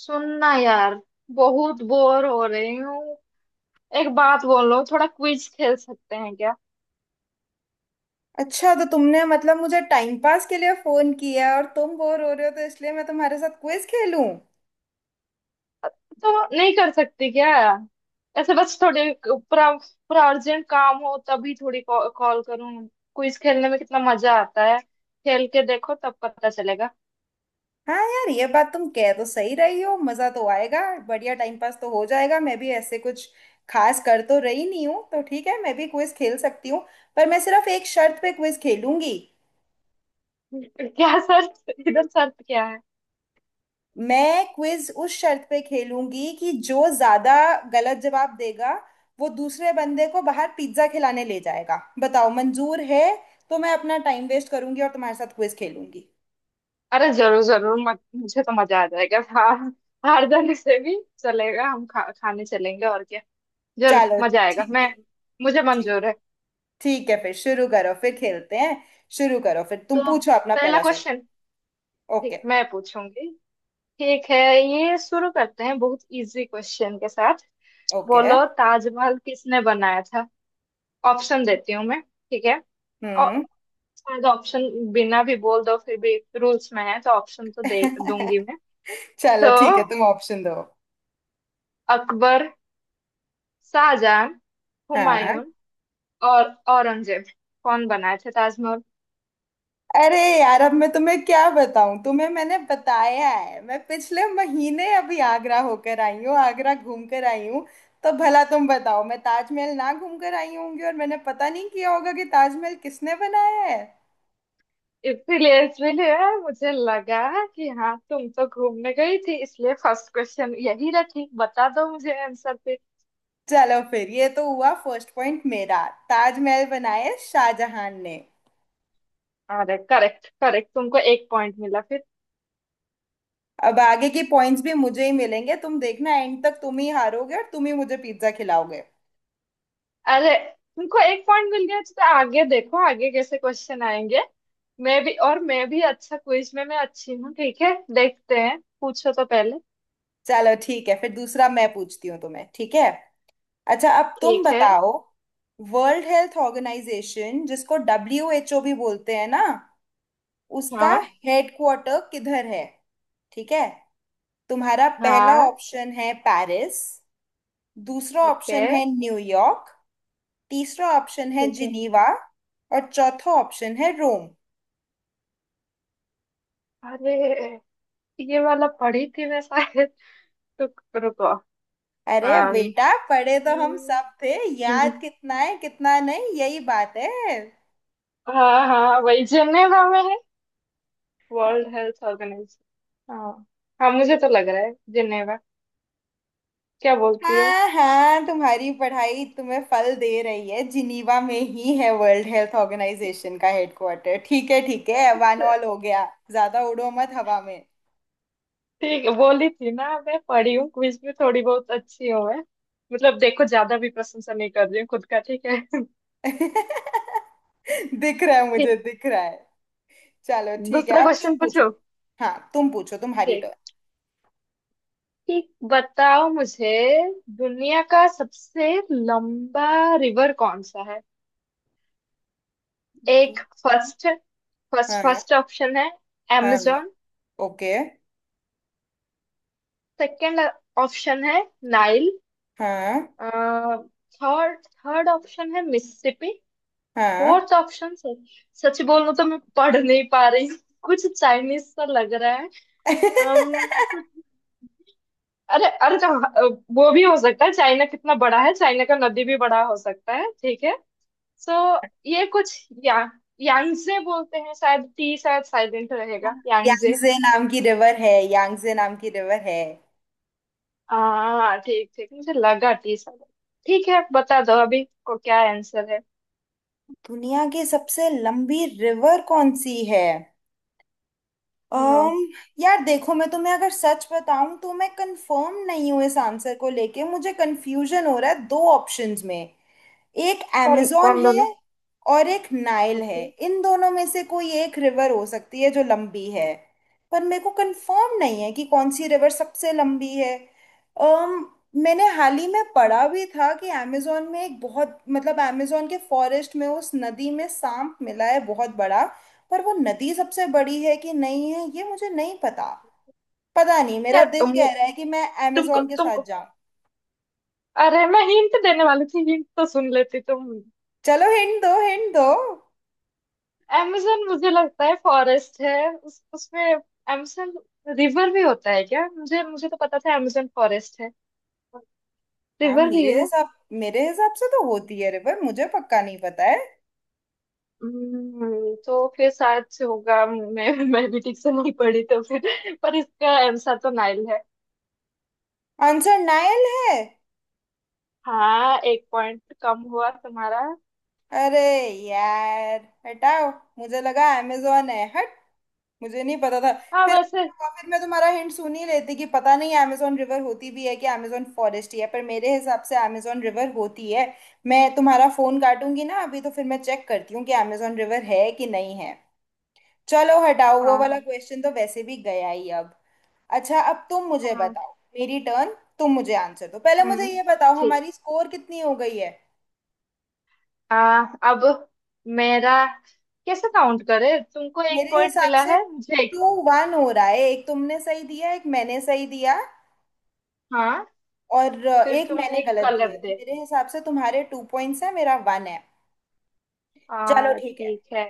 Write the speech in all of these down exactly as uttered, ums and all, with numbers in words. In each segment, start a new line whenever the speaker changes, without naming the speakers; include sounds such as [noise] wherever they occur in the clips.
सुनना यार, बहुत बोर हो रही हूँ। एक बात बोलो, थोड़ा क्विज खेल सकते हैं क्या?
अच्छा, तो तुमने मतलब मुझे टाइम पास के लिए फोन किया और तुम बोर हो रहे हो, तो इसलिए मैं तुम्हारे साथ क्विज खेलूं।
तो नहीं कर सकती क्या? ऐसे बस थोड़े पूरा पूरा अर्जेंट काम हो तभी थोड़ी कॉल करूँ। क्विज खेलने में कितना मजा आता है, खेल के देखो तब पता चलेगा।
हाँ यार, ये बात तुम कह तो सही रही हो, मजा तो आएगा। बढ़िया टाइम पास तो हो जाएगा। मैं भी ऐसे कुछ खास कर तो रही नहीं हूँ, तो ठीक है, मैं भी क्विज खेल सकती हूँ। पर मैं सिर्फ एक शर्त पे क्विज खेलूंगी।
[laughs] क्या शर्त, इधर शर्त क्या है?
मैं क्विज उस शर्त पे खेलूंगी कि जो ज्यादा गलत जवाब देगा, वो दूसरे बंदे को बाहर पिज्जा खिलाने ले जाएगा। बताओ मंजूर है? तो मैं अपना टाइम वेस्ट करूंगी और तुम्हारे साथ क्विज खेलूंगी।
अरे जरूर जरूर, मत, मुझे तो मजा आ जाएगा। हार हार जाने से भी चलेगा, हम खा, खाने चलेंगे और क्या। जरूर
चलो
मजा आएगा।
ठीक
मैं
है।
मुझे
ठीक है।
मंजूर है।
ठीक है फिर, शुरू करो, फिर खेलते हैं। शुरू करो, फिर
तो
तुम
अब
पूछो अपना
पहला
पहला सवाल।
क्वेश्चन।
ओके।
ठीक, मैं पूछूंगी। ठीक है। ये शुरू करते हैं बहुत इजी क्वेश्चन के साथ।
ओके।
बोलो, ताजमहल किसने बनाया था? ऑप्शन देती हूँ मैं, ठीक है। और
हम्म।
शायद ऑप्शन बिना भी बोल दो, फिर भी रूल्स में है तो ऑप्शन तो दे दूंगी मैं।
चलो
तो
ठीक है, तुम ऑप्शन दो।
अकबर, शाहजहां,
हाँ।
हुमायूं और औरंगजेब, कौन बनाए थे ताजमहल?
अरे यार, अब मैं तुम्हें क्या बताऊं, तुम्हें मैंने बताया है मैं पिछले महीने अभी आगरा होकर आई हूँ, आगरा घूम कर आई हूँ। तो भला तुम बताओ, मैं ताजमहल ना घूम कर आई होंगी और मैंने पता नहीं किया होगा कि ताजमहल किसने बनाया है।
इसीलिए इसीलिए मुझे लगा कि हाँ, तुम तो घूमने गई थी, इसलिए फर्स्ट क्वेश्चन यही रखी। बता दो मुझे आंसर फिर।
चलो फिर, ये तो हुआ फर्स्ट पॉइंट मेरा। ताजमहल बनाया शाहजहां ने।
अरे, करेक्ट करेक्ट, तुमको एक पॉइंट मिला फिर।
अब आगे की पॉइंट्स भी मुझे ही मिलेंगे, तुम देखना, एंड तक तुम ही हारोगे और तुम ही मुझे पिज्जा खिलाओगे।
अरे, तुमको एक पॉइंट मिल गया तो आगे देखो, आगे कैसे क्वेश्चन आएंगे। मैं भी और मैं भी अच्छा, क्विज में मैं अच्छी हूँ, ठीक है, देखते हैं, पूछो तो पहले।
चलो ठीक है, फिर दूसरा मैं पूछती हूँ तुम्हें, ठीक है? अच्छा, अब तुम
ठीक है।
बताओ। वर्ल्ड हेल्थ ऑर्गेनाइजेशन, जिसको डब्ल्यू एच ओ भी बोलते हैं ना, उसका
हाँ
हेडक्वार्टर किधर है? ठीक है। तुम्हारा पहला
हाँ।
ऑप्शन है पेरिस, दूसरा
ओके।
ऑप्शन है न्यूयॉर्क, तीसरा ऑप्शन है
ठीक है।
जिनीवा, और चौथा ऑप्शन है रोम।
अरे, ये वाला पढ़ी थी मैं शायद। [laughs] तो रुको।
अरे
um,
बेटा, पढ़े तो हम
हम्म,
सब थे। याद कितना है कितना नहीं, यही बात है।
हाँ हाँ, वही जिनेवा में है, वर्ल्ड हेल्थ ऑर्गेनाइजेशन, हाँ। हाँ, मुझे तो लग रहा है जिनेवा। क्या बोलती हो?
हाँ हाँ, तुम्हारी पढ़ाई तुम्हें फल दे रही है। जिनीवा में ही है वर्ल्ड हेल्थ ऑर्गेनाइजेशन का हेडक्वार्टर। ठीक है ठीक है, वन
अच्छा।
ऑल हो गया। ज्यादा उड़ो मत हवा में।
ठीक है, बोली थी ना, मैं पढ़ी हूँ, क्विज में थोड़ी बहुत अच्छी हूँ मैं। मतलब देखो, ज्यादा भी प्रशंसा नहीं कर रही हूँ खुद का, ठीक है। [laughs]
[laughs] दिख रहा है, मुझे
ठीक,
दिख रहा है। चलो ठीक है,
दूसरा
अब
क्वेश्चन
तुम
पूछो।
पूछो। हाँ, तुम पूछो, तुम्हारी
ठीक
टर्न।
ठीक, बताओ मुझे। दुनिया का सबसे लंबा रिवर कौन सा है? एक
तो
फर्स्ट फर्स्ट
हाँ।
फर्स्ट ऑप्शन है
हाँ,
amazon।
ओके।
सेकंड ऑप्शन है नाइल।
हाँ
थर्ड थर्ड ऑप्शन है मिसिसिपी।
हाँ।
फोर्थ ऑप्शन से, सच बोलूं तो मैं पढ़ नहीं पा रही हूँ। कुछ चाइनीज सा लग रहा है।
[laughs]
अम्म, कुछ- अरे अरे, तो अ, वो भी हो सकता है, चाइना कितना बड़ा है, चाइना का नदी भी बड़ा हो सकता है, ठीक है। सो ये कुछ या यांगजे बोलते हैं, शायद टी शायद साइलेंट रहेगा, यांगजे।
यांगजे नाम की रिवर है, यांगजे नाम की रिवर है।
हाँ, ठीक ठीक, मुझे लगा टी साइलेंट। ठीक है, बता दो अभी को क्या आंसर है।
दुनिया की सबसे लंबी रिवर कौन सी है?
हाँ,
um, यार देखो, मैं तुम्हें अगर सच बताऊं तो मैं कंफर्म नहीं हूं इस आंसर को लेके, मुझे कंफ्यूजन हो रहा है दो ऑप्शंस में। एक
कौन
amazon
कौन?
है
दोनों?
और एक नाइल
ओके।
है। इन दोनों में से कोई एक रिवर हो सकती है जो लंबी है। पर मेरे को कंफर्म नहीं है कि कौन सी रिवर सबसे लंबी है। um, मैंने हाल ही में पढ़ा भी था कि amazon में एक बहुत, मतलब amazon के फॉरेस्ट में उस नदी में सांप मिला है बहुत बड़ा। पर वो नदी सबसे बड़ी है कि नहीं है ये मुझे नहीं पता। पता नहीं, मेरा
यार,
दिल
तुम-
कह रहा है कि मैं
तुमको
amazon के साथ
तुमको
जाऊं।
अरे, मैं हिंट देने वाली थी, हिंट तो सुन लेती तुम।
चलो हिंट दो, हिंट दो।
amazon मुझे लगता है फॉरेस्ट है उस उसमें। amazon रिवर भी होता है क्या? मुझे मुझे तो पता था amazon फॉरेस्ट है।
हाँ,
रिवर भी
मेरे
है।
हिसाब मेरे हिसाब से तो होती है रिवर, मुझे पक्का नहीं पता है।
हम्म, तो फिर शायद से होगा, मैं मैं भी ठीक से नहीं पढ़ी, तो फिर पर इसका आंसर तो नाइल है।
आंसर नायल है?
हाँ, एक पॉइंट कम हुआ तुम्हारा।
अरे यार हटाओ, मुझे लगा अमेजोन है, हट। मुझे नहीं पता था।
हाँ
फिर
वैसे।
फिर मैं तुम्हारा हिंट सुन ही लेती कि पता नहीं अमेजोन रिवर होती भी है कि अमेजोन फॉरेस्ट ही है, पर मेरे हिसाब से अमेजोन रिवर होती है। मैं तुम्हारा फोन काटूंगी ना अभी, तो फिर मैं चेक करती हूँ कि अमेजोन रिवर है कि नहीं है। चलो हटाओ, वो
हाँ
वाला
हाँ।
क्वेश्चन तो वैसे भी गया ही अब। अच्छा, अब तुम मुझे
हाँ,
बताओ। मेरी टर्न। तुम मुझे आंसर दो पहले, मुझे
हम्म,
ये बताओ
ठीक।
हमारी स्कोर कितनी हो गई है।
आ, अब मेरा कैसे काउंट करे? तुमको एक
मेरे
पॉइंट
हिसाब
मिला
से
है, मुझे एक।
टू वन हो रहा है। एक तुमने सही दिया, एक मैंने सही दिया,
हाँ,
और अ,
फिर
एक
तुमने
मैंने
एक
गलत
गलत
दिया, तो
दे।
मेरे हिसाब से तुम्हारे टू पॉइंट्स है, मेरा वन है। चलो
आ
ठीक है।
ठीक है।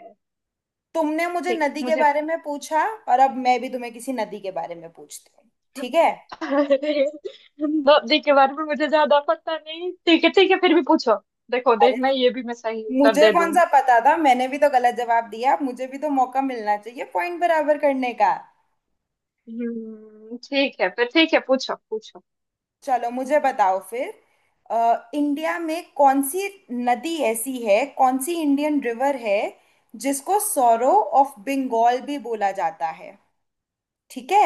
तुमने मुझे
ठीक,
नदी के
मुझे।
बारे में पूछा और अब मैं भी तुम्हें किसी नदी के बारे में पूछती हूँ, ठीक
[laughs]
है?
दो के बारे में मुझे ज्यादा पता नहीं, ठीक है ठीक है, फिर भी पूछो। देखो
अरे
देखना, ये भी मैं सही
तो
उत्तर
मुझे
दे
कौन
दूंगी।
सा पता था, मैंने भी तो गलत जवाब दिया, मुझे भी तो मौका मिलना चाहिए पॉइंट बराबर करने का।
हम्म, ठीक है फिर, ठीक है, पूछो पूछो।
चलो मुझे बताओ फिर। अ, इंडिया में कौन सी नदी ऐसी है, कौन सी इंडियन रिवर है जिसको सौरो ऑफ बंगाल भी बोला जाता है? ठीक है,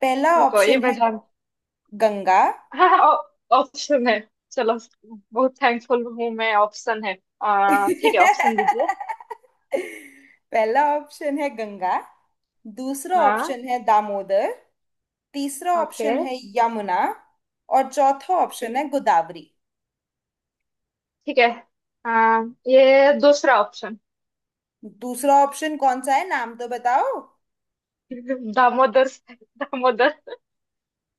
पहला
रुको, ये
ऑप्शन
मैं
है
जान।
गंगा।
हाँ, ऑप्शन है। चलो, बहुत थैंकफुल हूँ मैं, ऑप्शन है। आ ठीक है, ऑप्शन दीजिए।
[laughs] पहला ऑप्शन है गंगा, दूसरा
हाँ।
ऑप्शन है दामोदर, तीसरा
ओके।
ऑप्शन है यमुना, और चौथा
ओके।
ऑप्शन है गोदावरी।
ठीक है। आ, ये दूसरा ऑप्शन।
दूसरा ऑप्शन कौन सा है, नाम तो बताओ।
[laughs] दामोदर, दामोदर।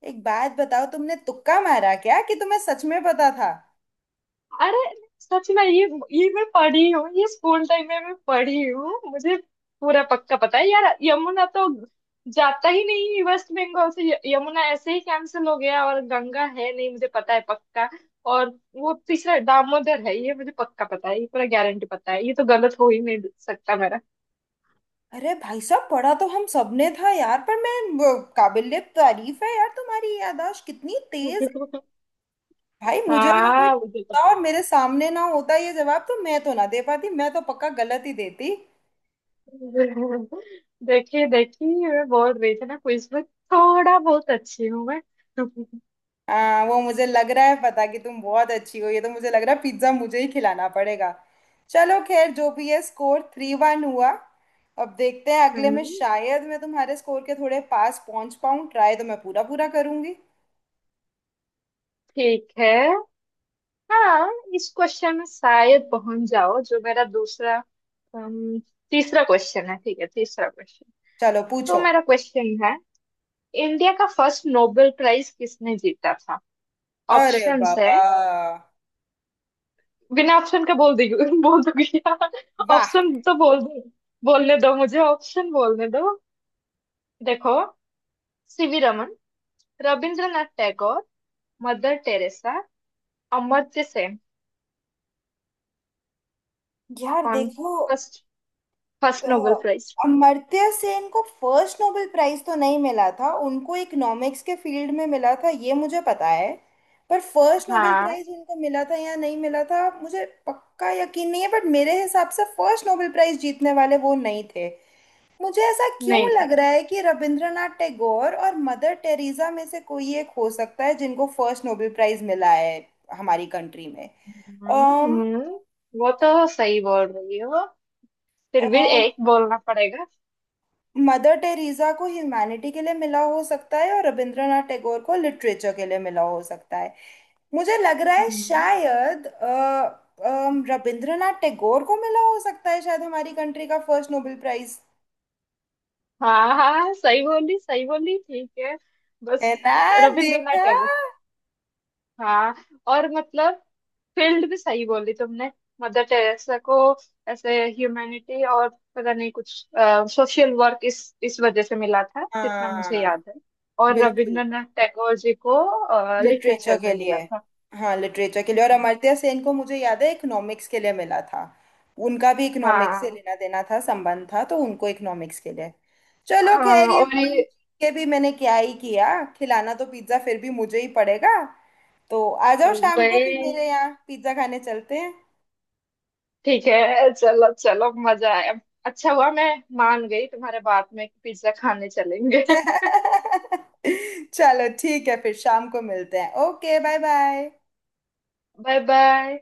एक बात बताओ, तुमने तुक्का मारा क्या कि तुम्हें सच में पता था?
अरे, सच में ये ये मैं पढ़ी हूँ, ये स्कूल टाइम में मैं पढ़ी हूँ। मुझे पूरा पक्का पता है यार। यमुना तो जाता ही नहीं वेस्ट बंगाल से, य- यमुना ऐसे ही कैंसिल हो गया। और गंगा है नहीं, मुझे पता है पक्का। और वो तीसरा दामोदर है, ये मुझे पक्का पता है, ये पूरा गारंटी पता है, ये तो गलत हो ही नहीं सकता मेरा। [laughs]
अरे भाई साहब, पढ़ा तो हम सबने था यार, पर मैं वो, काबिलियत तारीफ है यार, तुम्हारी याददाश्त कितनी तेज है। भाई मुझे अगर कोई
हाँ, मुझे तो
पूछता और मेरे सामने ना होता ये जवाब, तो मैं तो ना दे पाती, मैं तो पक्का गलत ही देती।
[laughs] देखिए देखिए, मैं बोल रही थी ना, क्विज में थोड़ा बहुत अच्छी हूँ मैं।
आ, वो मुझे लग रहा है पता, कि तुम बहुत अच्छी हो, ये तो मुझे लग रहा है पिज्जा मुझे ही खिलाना पड़ेगा। चलो खैर, जो भी है, स्कोर थ्री वन हुआ। अब देखते हैं अगले में
हम्म,
शायद मैं तुम्हारे स्कोर के थोड़े पास पहुंच पाऊं, ट्राई तो मैं पूरा पूरा करूंगी।
ठीक है। हाँ। इस क्वेश्चन में शायद पहुंच जाओ, जो मेरा दूसरा, अम, तीसरा क्वेश्चन है, ठीक है, तीसरा क्वेश्चन।
चलो
तो
पूछो।
मेरा क्वेश्चन है, इंडिया का फर्स्ट नोबेल प्राइज किसने जीता था?
अरे
ऑप्शंस है।
बाबा।
बिना ऑप्शन के बोल दी। [laughs] बोल दूंगी।
वाह।
ऑप्शन तो बोल दो। बोलने दो मुझे, ऑप्शन बोलने दो। देखो, सी we Raman, Rabindranath Tagore, Mother Teresa, Amartya Sen.
यार
कौन?
देखो,
फर्स्ट फर्स्ट
तो
नोबेल प्राइज?
अमर्त्य सेन को फर्स्ट नोबेल प्राइज तो नहीं मिला था, उनको इकोनॉमिक्स के फील्ड में मिला था, ये मुझे पता है। पर फर्स्ट नोबेल
हाँ।
प्राइज उनको मिला था या नहीं मिला था, मुझे पक्का यकीन नहीं है, बट मेरे हिसाब से फर्स्ट नोबेल प्राइज जीतने वाले वो नहीं थे। मुझे ऐसा क्यों
नहीं
लग
थे।
रहा है कि रविंद्रनाथ टैगोर और मदर टेरेसा में से कोई एक हो सकता है जिनको फर्स्ट नोबेल प्राइज मिला है हमारी कंट्री में।
हम्म
um,
हम्म। वो तो सही बोल रही हो। फिर भी
um,
एक बोलना पड़ेगा।
मदर टेरेसा को ह्यूमैनिटी के लिए मिला हो सकता है और रविंद्रनाथ टैगोर को लिटरेचर के लिए मिला हो सकता है। मुझे लग रहा है
हम्म।
शायद अ, अम, रविंद्रनाथ टैगोर को मिला हो सकता है, शायद हमारी कंट्री का फर्स्ट नोबेल प्राइज।
हाँ हाँ, सही बोली सही बोली, ठीक है, बस।
है ना?
रविंद्रनाथ
देखा।
टैगोर, हाँ, और मतलब फील्ड भी सही बोली तुमने। मदर टेरेसा को ऐसे ह्यूमैनिटी और पता नहीं कुछ सोशल वर्क, इस इस वजह से मिला था जितना मुझे
हाँ,
याद है। और
बिल्कुल।
रविंद्रनाथ टैगोर जी को
लिटरेचर
लिटरेचर
के
में
लिए।
मिला था।
हाँ, लिटरेचर के लिए। और
हम्म।
अमर्त्य सेन को मुझे याद है इकोनॉमिक्स के लिए मिला था। उनका भी इकोनॉमिक्स से
हाँ
लेना देना था, संबंध था, तो उनको इकोनॉमिक्स के लिए। चलो
हाँ,
खैर, ये
और ये
पॉइंट के भी मैंने क्या ही किया, खिलाना तो पिज्जा फिर भी मुझे ही पड़ेगा। तो आ जाओ शाम
वही।
को फिर, मेरे यहाँ पिज्जा खाने चलते हैं।
ठीक है, चलो चलो, मजा आया। अच्छा हुआ मैं मान गई तुम्हारे बात में कि पिज्जा खाने चलेंगे। [laughs]
[laughs] चलो ठीक है, फिर शाम को मिलते हैं। Okay bye bye.
Bye bye.